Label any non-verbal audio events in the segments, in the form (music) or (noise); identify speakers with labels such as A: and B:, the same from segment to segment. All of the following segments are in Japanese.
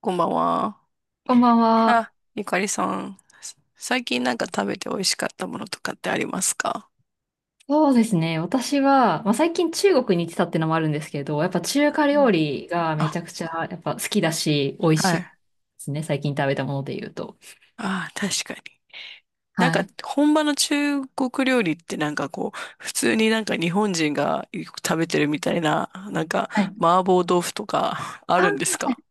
A: こんばんは。
B: こんばんは。
A: あ、ゆかりさん、最近なんか食べて美味しかったものとかってありますか？
B: そうですね。私は、まあ、最近中国に行ってたってのもあるんですけど、やっぱ中華
A: うん。
B: 料理がめち
A: あ、
B: ゃくちゃやっぱ好きだし、美味し
A: は
B: いで
A: い。
B: すね。最近食べたもので言うと。
A: あ、確かに。なん
B: は
A: か、
B: い。
A: 本場の中国料理ってなんかこう、普通になんか日本人がよく食べてるみたいな、なんか、
B: はい。
A: 麻婆豆腐とか (laughs) あ
B: あ、は
A: るんですか？
B: い。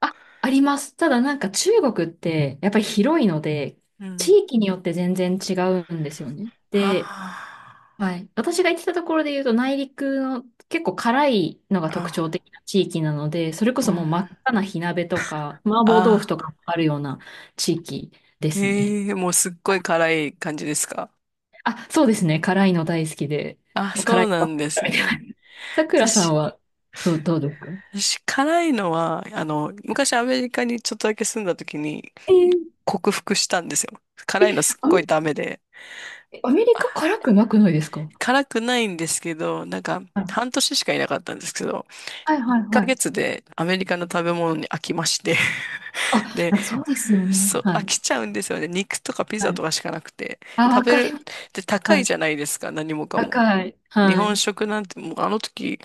B: ああります。ただなんか中国ってやっぱり広いので、
A: う
B: 地
A: ん。
B: 域によって全然違うんですよね。で、
A: あ
B: はい。私が行ってたところで言うと、内陸の結構辛いのが
A: ー
B: 特徴
A: あ、
B: 的な地域なので、それこ
A: う
B: そもう
A: ん。
B: 真っ赤な火鍋とか、麻婆豆腐
A: あ
B: とかあるような地域で
A: ー、
B: すね。
A: ええー、もうすっごい辛い感じですか？
B: あ、そうですね。辛いの大好きで、
A: あ、そ
B: 辛
A: う
B: いの
A: な
B: ばっ
A: ん
B: かり
A: です
B: 食べ
A: ね。
B: てます。(laughs) さくらさ
A: 私、
B: んはどうですか？
A: 私辛いのは、昔アメリカにちょっとだけ住んだ時に
B: えー、
A: 克服したんですよ。辛いのすっ
B: アメ
A: ごいダメで。
B: アメリカ
A: あ、
B: 辛くなくないですか？
A: 辛くないんですけど、なんか
B: はい
A: 半年しかいなかったんですけど、
B: はいは
A: 1
B: いは
A: ヶ
B: い。
A: 月でアメリカの食べ物に飽きまして。
B: あ、
A: (laughs) で、
B: そうですよね。
A: そう、
B: は
A: 飽
B: い。
A: きちゃうんですよね。肉とかピ
B: は
A: ザ
B: い。
A: とかしかなくて。
B: あ、
A: 食
B: わ
A: べ
B: かり
A: る、
B: ます。
A: で、高
B: は
A: い
B: い。
A: じゃないですか、何もかも。
B: 高い。
A: 日
B: は
A: 本
B: い。
A: 食なんて、もうあの時、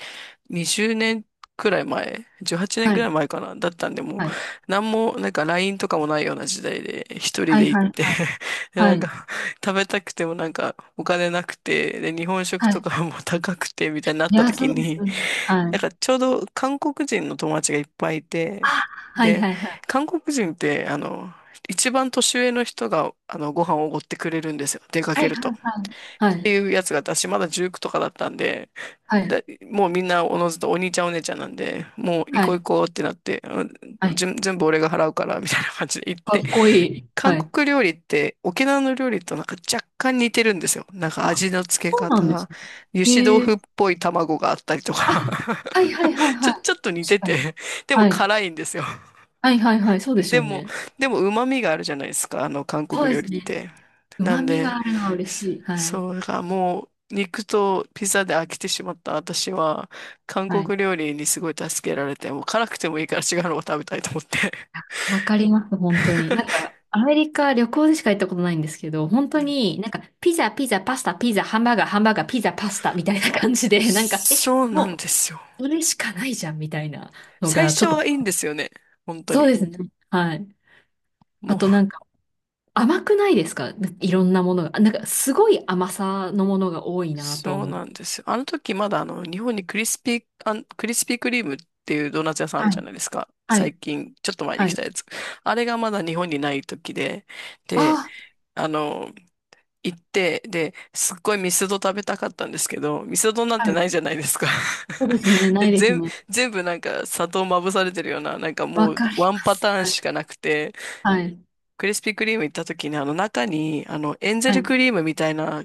A: 20年くらい前、18年
B: は
A: くらい
B: い。
A: 前かな、だったんで、もう、
B: はい。
A: なんも、なんか LINE とかもないような時代で、一人
B: はい
A: で行っ
B: はい
A: て
B: はい。
A: (laughs) で、
B: は
A: なん
B: い
A: か、食べたくてもなんか、お金なくて、で、日本食
B: は
A: と
B: い。
A: かも高くて、みたいになっ
B: い
A: た
B: や、そ
A: 時
B: うです
A: に、
B: よね。は
A: なん
B: い。
A: かちょうど韓国人の友達がいっぱいい
B: あ、
A: て、
B: はい
A: で、
B: はいはい。
A: 韓国人って、一番年上の人が、ご飯をおごってくれるんですよ、出か
B: は
A: け
B: い
A: る
B: は
A: と。
B: いはい。
A: っ
B: は
A: て
B: い。
A: いうやつがあって私まだ19とかだったんで、
B: はい。
A: だ、もうみんなおのずとお兄ちゃんお姉ちゃんなんで、もう行
B: は
A: こう
B: い。
A: 行こうってなって、うん、
B: はい。
A: 全部俺が払うからみたいな感じで行っ
B: か
A: て、
B: っこいい。
A: 韓
B: はい。
A: 国料理って沖縄の料理となんか若干似てるんですよ。なんか
B: あ、
A: 味の付け
B: そうな
A: 方、
B: んです
A: 油
B: ね。
A: 脂豆
B: ええ。
A: 腐っぽい卵があったりと
B: あ、
A: か
B: はいはいはい
A: (laughs)
B: はい。
A: ちょっと似
B: 確
A: て
B: かに。
A: て、でも
B: はい。
A: 辛いんですよ。
B: はいはいはい。そうです
A: で
B: よ
A: も、
B: ね。
A: 旨味があるじゃないですか、あの韓
B: そう
A: 国
B: で
A: 料理
B: す
A: っ
B: ね。
A: て。な
B: 旨
A: ん
B: 味が
A: で、
B: あるのは嬉
A: そ
B: しい。はい。
A: そう、だからもう肉とピザで飽きてしまった私は、韓
B: はい。
A: 国料理にすごい助けられて、もう辛くてもいいから違うのを食べたいと思って。
B: わかります、本当に。なんか、アメリカ旅行でしか行ったことないんですけど、本当になんか、ピザ、ピザ、パスタ、ピザ、ハンバーガー、ハンバーガー、ピザ、パスタみたいな感じ
A: (laughs)
B: で、なんか、え、
A: そうなん
B: も
A: ですよ。
B: う、それしかないじゃんみたいなの
A: 最
B: が、ち
A: 初
B: ょっと、
A: はいいんですよね、本当
B: そう
A: に。
B: ですね。はい。
A: も
B: あ
A: う
B: となんか、甘くないですか？いろんなものが。なんか、すごい甘さのものが多いなと
A: そう
B: 思っ
A: なん
B: て。
A: ですよ。あの時まだあの日本にクリスピークリームっていうドーナツ屋さんある
B: はい。
A: じゃないですか。
B: はい。
A: 最近、ちょっと前に
B: は
A: 来
B: い。
A: たやつ。あれがまだ日本にない時で、で、
B: あ
A: あの、行って、で、すっごいミスド食べたかったんですけど、ミスドなん
B: あ、
A: て
B: はい。
A: ないじゃないですか。
B: そうですね。
A: (laughs)
B: な
A: で、
B: いですね。
A: 全部なんか砂糖まぶされてるような、なんか
B: わ
A: もう
B: かり
A: ワ
B: ま
A: ンパ
B: す。
A: ターン
B: はい。
A: しかなくて、
B: はい。
A: クリスピークリーム行った時にあの中にあのエンゼ
B: は
A: ル
B: い。
A: クリームみたいな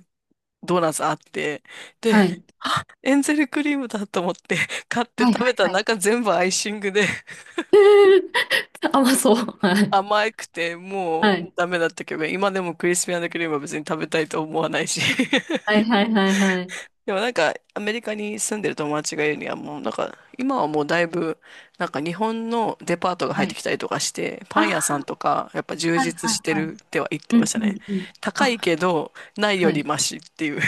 A: ドーナツあって、で、
B: はい。
A: あ、エンゼルクリームだと思って (laughs) 買って
B: はい。は
A: 食べたら
B: い。
A: 中全部アイシングで (laughs)
B: えー、(laughs) 甘そう。はい。
A: 甘くてもう
B: はい。
A: ダメだったけど、今でもクリスピークリームは別に食べたいと思わないし。(laughs)
B: はい。はい。はい。はい。
A: でもなんかアメリカに住んでる友達が言うにはもうなんか今はもうだいぶなんか日本のデパートが入
B: は
A: って
B: い。
A: きたりとかして
B: あ
A: パン屋さんとかやっぱ充
B: あ、はい。
A: 実
B: は
A: し
B: い。
A: て
B: は
A: る
B: い。
A: っては言っ
B: う
A: てま
B: ん。
A: した
B: う
A: ね。
B: ん。うん。
A: 高
B: あ、
A: いけどない
B: は
A: より
B: い。
A: マシっていう。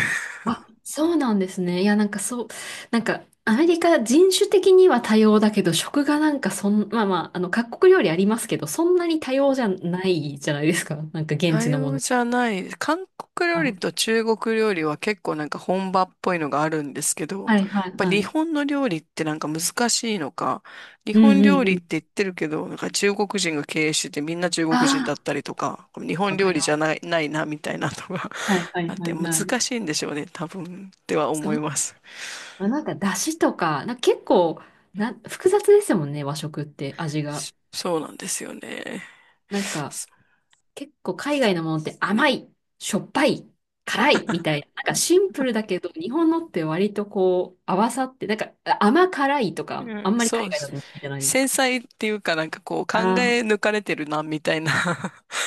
B: あ、そうなんですね。いや、なんかそう、なんか、アメリカ人種的には多様だけど、食がなんかそん、まあまあ、あの、各国料理ありますけど、そんなに多様じゃないじゃないですか。(laughs) なんか
A: 多
B: 現地のも
A: 様
B: の。
A: じゃない。韓国料
B: は
A: 理
B: い。
A: と中国料理は結構なんか本場っぽいのがあるんですけど、やっ
B: はいはい
A: ぱ
B: は
A: 日
B: い。
A: 本の料理ってなんか難しいのか、日
B: うん
A: 本
B: う
A: 料
B: んう
A: 理っ
B: ん。
A: て言ってるけど、なんか中国人が経営しててみんな中国人だっ
B: あ
A: たりとか、日
B: あ、
A: 本
B: わ
A: 料
B: かり
A: 理じ
B: ま
A: ゃな
B: す。
A: い、ないなみたいなのが
B: はいは
A: (laughs) あっ
B: いは
A: て
B: い
A: 難
B: はい。
A: しいんでしょうね、多分っては思
B: そ
A: い
B: う。
A: ます。
B: まあ、なんか、だしとか、なんか結構、な、複雑ですもんね、和食って、味が。
A: そうなんですよね。
B: なんか、結構海外のものって甘い、しょっぱい、辛いみたいな、なんかシンプルだけど、日本のって割とこう合わさって、なんか甘辛いと
A: う
B: か、
A: ん、
B: あんまり
A: そう
B: 海
A: で
B: 外だ
A: す。
B: とないじゃないです
A: 繊
B: か。
A: 細っていうかなんかこう考
B: あ
A: え
B: ー、
A: 抜かれてるなみたいな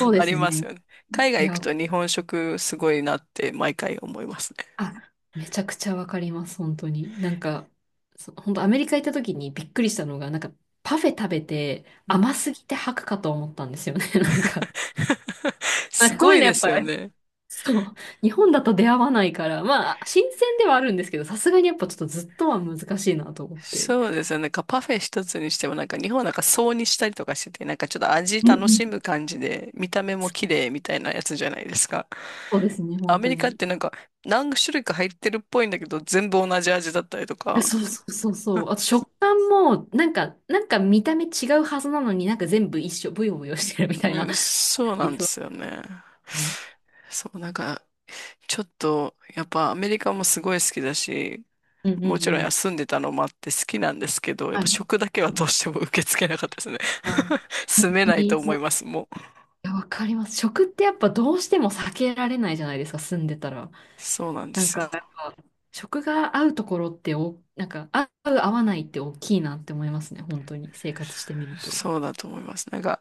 B: そ うで
A: あ
B: す
A: ります
B: ね。
A: よね。海
B: い
A: 外行く
B: や、
A: と日本食すごいなって毎回思いますね。
B: あ、めちゃくちゃわかります、本当に。なんか、本当アメリカ行った時にびっくりしたのが、なんかパフェ食べて
A: うん。
B: 甘すぎて吐くかと思ったんですよね、(laughs) なんか。
A: (laughs) す
B: あ、そ
A: ご
B: ういう
A: い
B: のや
A: で
B: っ
A: す
B: ぱ
A: よね。
B: そう。日本だと出会わないから、まあ、新鮮ではあるんですけど、さすがにやっぱちょっとずっとは難しいなと思って。
A: そうですよね。なんかパフェ一つにしてもなんか日本はなんか層にしたりとかしててなんかちょっと味
B: うん
A: 楽
B: うん。
A: しむ感じで見た目も綺麗みたいなやつじゃないですか。
B: そうですね、
A: ア
B: 本
A: メ
B: 当
A: リカっ
B: に。
A: てなんか何種類か入ってるっぽいんだけど全部同じ味だったりとか。
B: そうそうそうそう。あと食感も、なんか、なんか見た目違うはずなのになんか全部一緒、ブヨブヨしてるみたい
A: う
B: な。
A: ん、そうな
B: 理
A: んですよね。
B: 想。
A: そう、なんか、ちょっと、やっぱアメリカもすごい好きだし、
B: うんう
A: も
B: ん
A: ち
B: う
A: ろん
B: ん。
A: 休んでたのもあって好きなんですけど、やっ
B: は
A: ぱ
B: い。
A: 食だけはどうしても受け付けなかったですね。
B: あ、
A: (laughs)
B: 本
A: 住め
B: 当
A: ないと
B: に
A: 思
B: そ
A: い
B: う。
A: ます、も
B: いや、わかります。食ってやっぱどうしても避けられないじゃないですか、住んでたら。
A: う。そうなんで
B: なん
A: す
B: か、
A: よ。
B: やっぱ食が合うところってお、なんか、合う、合わないって大きいなって思いますね。本当に、生活してみると。
A: そうだと思います。なんか、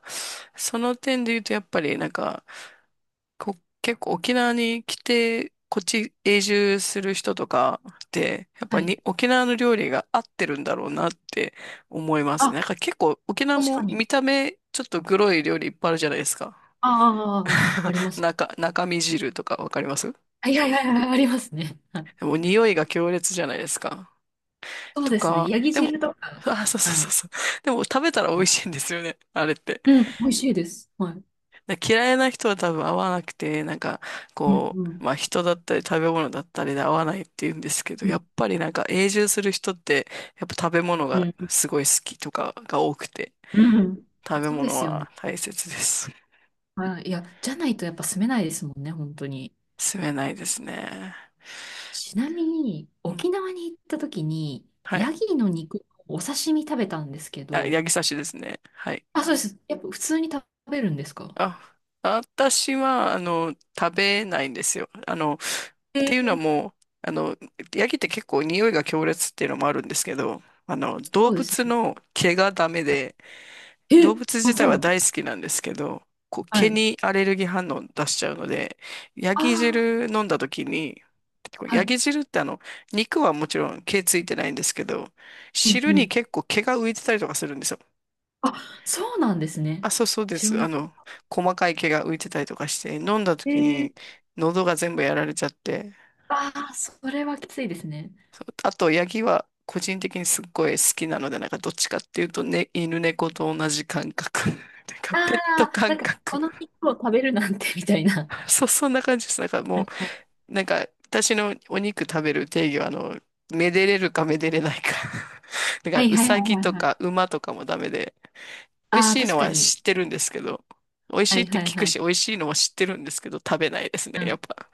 A: その点で言うと、やっぱり、なんか、結構沖縄に来て、こっち永住する人とかって、やっ
B: は
A: ぱ
B: い。
A: に沖縄の料理が合ってるんだろうなって思いますね。
B: あ、
A: なんか結構沖縄
B: 確
A: も
B: かに。
A: 見た目、ちょっとグロい料理いっぱいあるじゃないですか。
B: ああ、ああ、ああありま
A: (laughs)
B: す。
A: 中身汁とかわかります？
B: あ、いやいやいや、ありますね。はい。
A: でも匂いが強烈じゃないですか。
B: そう
A: と
B: ですね。
A: か、
B: ヤギ
A: でも、
B: 汁とか。
A: あ、そうそう
B: は
A: そう
B: い。
A: そう。でも食べたら美味しいんですよね。あれって。
B: うん、美味しいです。はい。
A: 嫌いな人は多分合わなくて、なんか、
B: うん、
A: こ
B: うん、
A: う、まあ人だったり食べ物だったりで合わないって言うんですけど、
B: う
A: や
B: ん、
A: っぱりなんか永住する人って、やっぱ食べ物
B: う
A: が
B: ん、
A: すごい好きとかが多くて、
B: うん。うん。
A: 食べ
B: そうで
A: 物
B: すよね。
A: は大切です。
B: はい。いや、じゃないとやっぱ住めないですもんね、本当に。
A: 住めないですね。
B: ちなみに、
A: うん。
B: 沖縄に行った時に、
A: はい。
B: ヤギの肉、お刺身食べたんですけ
A: あ、
B: ど、
A: 八木刺しですね。はい。
B: あ、そうです。やっぱ普通に食べるんですか？
A: あ、私は、食べないんですよ。って
B: え
A: いうのは
B: ー、
A: もう、あの、ヤギって結構匂いが強烈っていうのもあるんですけど、動
B: そうです
A: 物
B: ね。
A: の毛がダメ
B: は
A: で、
B: い。
A: 動
B: え、
A: 物
B: あ、
A: 自
B: そ
A: 体
B: う
A: は
B: なんで
A: 大
B: す。
A: 好きなんですけど、こう、
B: は
A: 毛
B: い。
A: にアレルギー反応出しちゃうので、ヤギ
B: あ
A: 汁飲んだ時に、
B: あ、は
A: ヤ
B: い。
A: ギ汁って肉はもちろん毛ついてないんですけど、
B: うん
A: 汁
B: う
A: に
B: ん。
A: 結構毛が浮いてたりとかするんですよ。
B: あ、そうなんですね。
A: あ、そうそうで
B: 知ら
A: す。
B: なかった。
A: 細かい毛が浮いてたりとかして、飲んだ
B: え
A: 時に
B: ー、
A: 喉が全部やられちゃって、
B: ああ、それはきついですね。
A: あと、ヤギは個人的にすっごい好きなので、なんかどっちかっていうと、ね、犬猫と同じ感覚。(laughs) なんか
B: あ
A: ペット
B: あ、な
A: 感
B: んか、
A: 覚。
B: この肉を食べるなんて、みたいな。
A: そう、そんな感じです。なんかもう、なんか私のお肉食べる定義は、めでれるかめでれないか。(laughs) だか
B: は
A: ら、
B: い
A: う
B: はいはい
A: さ
B: は
A: ぎ
B: いはい
A: と
B: はい。
A: か馬とかもダメで、美味
B: あ
A: し
B: あ、
A: いの
B: 確か
A: は
B: に。
A: 知ってるんですけど、美味し
B: は
A: いっ
B: い
A: て
B: はい
A: 聞く
B: はい。
A: し、美味しいのは知ってるんですけど、食べないですね、
B: う
A: や
B: ん。
A: っぱ。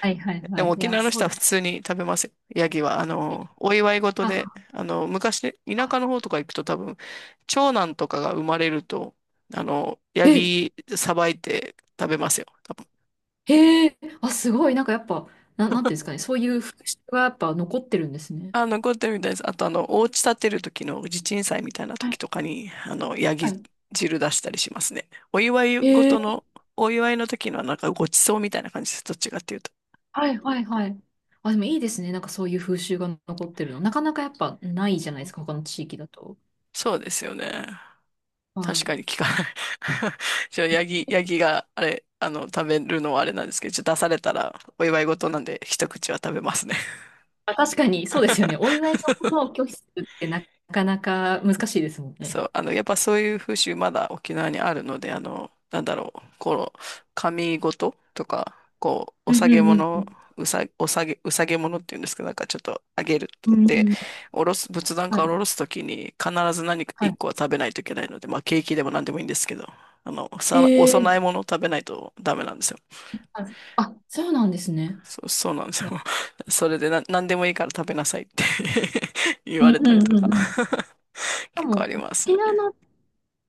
B: はいはい
A: で
B: は
A: も
B: い。い
A: 沖
B: やー、
A: 縄の
B: そう
A: 人は
B: で
A: 普
B: す。
A: 通に食べますよ。ヤギは、お祝い事で、
B: あ、
A: 昔、田
B: あ、
A: 舎の方とか行くと多分、長男とかが生まれると、ヤ
B: え、
A: ギさばいて食べますよ。多分。
B: へえ、あ、すごい。なんかやっぱ、なんていうんですかね。そういう風習がやっぱ残ってるんですね。
A: あ、残ってるみたいです。あと、お家建てる時の地鎮祭みたいな時とかに、ヤ
B: は
A: ギ
B: い。
A: 汁出したりしますね。お祝い
B: へえ。
A: 事の、お祝いの時のなんかごちそうみたいな感じです。どっちかっていうと。
B: はいはいはい。あ、でもいいですね。なんかそういう風習が残ってるの。なかなかやっぱないじゃないですか、他の地域だと。
A: そうですよね。
B: は
A: 確
B: い。
A: かに聞かない。(laughs) じゃあ、ヤギ、
B: え、
A: ヤギが、あれ、あの、食べるのはあれなんですけど、ちょっと出されたら、お祝い事なんで、一口は食べますね。(laughs)
B: まあ、確かに、そうですよね。お祝いのことを拒否するってなかなか難しいですもん
A: そ
B: ね。
A: う、やっぱそういう風習、まだ沖縄にあるので、神事とか、お
B: う
A: 下
B: ん
A: げ
B: うんう
A: 物、
B: ん。
A: うさげ物っていうんですけど、なんかちょっとあげる。
B: うん
A: で、
B: うん。
A: おろす、仏壇
B: は
A: から
B: い。
A: おろすときに、必ず何か
B: は
A: 一
B: い。
A: 個は食べないといけないので、まあ、ケーキでも何でもいいんですけど、お
B: へえ
A: 供
B: ー、
A: え物を食べないとダメなんですよ。
B: はい。あ、そうなんですね。
A: そうなんです
B: い
A: よ。
B: や、
A: (laughs) それでな、何でもいいから食べなさいって (laughs) 言
B: うん
A: われ
B: う
A: たり
B: ん
A: と
B: うん
A: か
B: うん。
A: (laughs)
B: で
A: 結構あり
B: も、
A: ます
B: 沖
A: ね。
B: 縄の、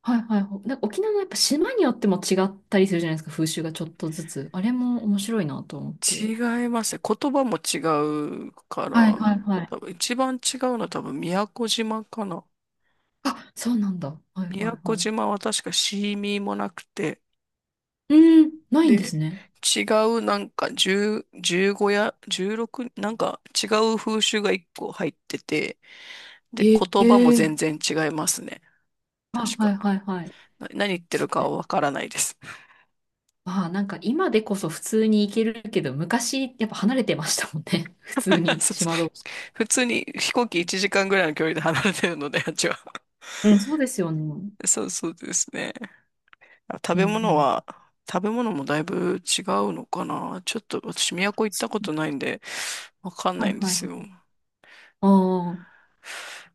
B: はいはい、え、はい、あ、そうなんですね、いや、うんうんうんうん、でも沖縄の、はいはい、なんか沖縄のやっぱ島によっても違ったりするじゃないですか、風習がちょっとずつ。あれも面白いなと思って。
A: 違いますね。言葉も違うか
B: はいは
A: ら、
B: いはい。
A: 多分一番違うのは多分宮古島かな。
B: あ、そうなんだ。はい
A: 宮
B: はい
A: 古
B: はい。
A: 島は確かシーミーもなくて、
B: うーん、ないんで
A: で、
B: すね。
A: 違うなんか10、15や16、なんか違う風習が1個入ってて、で、
B: へ
A: 言葉も
B: え。
A: 全然違いますね。
B: あ、
A: 確
B: は
A: か。
B: いはいはい。
A: 何言って
B: そ
A: る
B: う
A: か
B: で
A: は
B: す。
A: わからないです。
B: まあなんか今でこそ普通に行けるけど、昔やっぱ離れてましたもんね。(laughs) 普通
A: (laughs)
B: に
A: そうそう、
B: 島同士。
A: 普通に飛行機1時間ぐらいの距離で離れてるので、(laughs) あっちは。
B: うん、そうですよね。
A: そうそうですね。食
B: うん
A: べ
B: う
A: 物は、
B: ん。
A: 食べ物もだいぶ違うのかな。ちょっと私、都行ったことないんで、わかん
B: は
A: な
B: い
A: いんで
B: はいは
A: す
B: い。
A: よ。
B: ああ、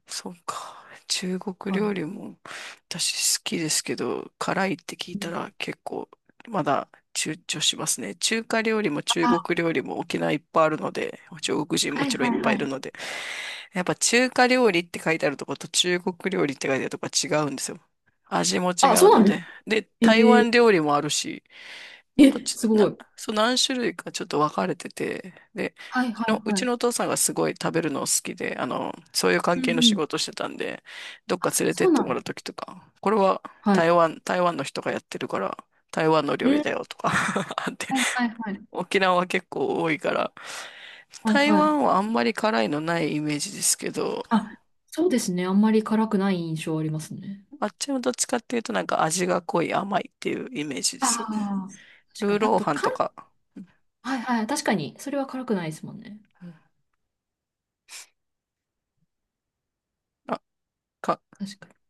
A: そうか。中国
B: はい。
A: 料理も私好きですけど、辛いって聞いたら結構まだ躊躇しますね。中華料理も中
B: あ、
A: 国料理も沖縄いっぱいあるので、中国人も
B: はい
A: ちろんい
B: は
A: っ
B: い
A: ぱい
B: は
A: いる
B: い。
A: ので、やっぱ中華料理って書いてあるとこと中国料理って書いてあるとこは違うんですよ。味も違
B: あ、そ
A: う
B: うな
A: の
B: んです
A: で。
B: か？
A: で、台
B: ええ。
A: 湾料理もあるし、なんか
B: え、
A: ち
B: す
A: ょ、
B: ご
A: な、
B: い。
A: そう何種類かちょっと分かれてて、で、
B: はいはい
A: う
B: は
A: ち
B: い。
A: のお父さんがすごい食べるのを好きで、あの、そういう
B: う
A: 関係の
B: ん
A: 仕
B: うん。
A: 事をしてたんで、どっか連れて
B: そ
A: っ
B: う
A: て
B: なん
A: も
B: で
A: らうと
B: す。
A: きとか、これは
B: はい。
A: 台湾の人がやってるから、台湾の料
B: う
A: 理
B: ん。
A: だよとか (laughs) あって、
B: はいはいはい。
A: 沖縄は結構多いから、
B: はい
A: 台
B: はい。
A: 湾はあんまり辛いのないイメージですけど、
B: あ、そうですね。あんまり辛くない印象ありますね。
A: あっちもどっちかっていうとなんか味が濃い甘いっていうイメージですよね。
B: ああ、確か
A: ルー
B: に。あ
A: ロー
B: と、
A: ハン
B: か
A: と
B: ん、
A: か、
B: はいはい。確かに。それは辛くないですもんね。
A: うんあ、か、
B: 確かに。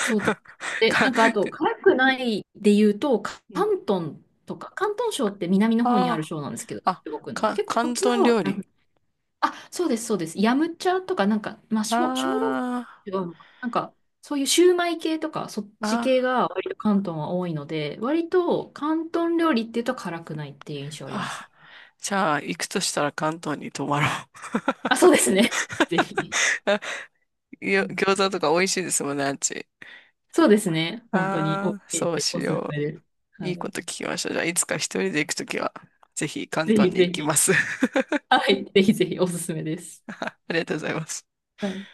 B: そうです。で、な
A: か、
B: んかあと、辛くないで言うと、か
A: うん
B: 広東とか、広東省って南の方にある
A: あ
B: 省なんですけど、
A: あ、あ、
B: 中国の。
A: か、
B: 結構そっ
A: 広
B: ちの
A: 東
B: 方は
A: 料
B: 辛く、
A: 理。
B: あ、そうです、そうです。ヤムチャとか、なんか、まあ、小、小籠
A: あ
B: 包は違うのかな。なんか、そういうシューマイ系とか、そっち
A: あ、
B: 系が割と広東は多いので、割と広東料理っていうと辛くないっていう印
A: ー
B: 象ありますね。
A: あじゃあ、行くとしたら関東に泊まろう。
B: あ、そうですね。(laughs) ぜひ。
A: (laughs)
B: うん。
A: 餃子とか美味しいですもんね、あっち。
B: そうですね。本当に、
A: ああ、
B: OK
A: そう
B: でお
A: し
B: すす
A: よ
B: めです。
A: う。
B: は
A: いいこ
B: い。
A: と聞きました。じゃあ、いつか一人で行くときは、ぜひ関
B: ぜ
A: 東
B: ひ
A: に
B: ぜ
A: 行き
B: ひ。
A: ます。(laughs)
B: はい。ぜひぜひ、おすすめです。
A: ありがとうございます。
B: はい。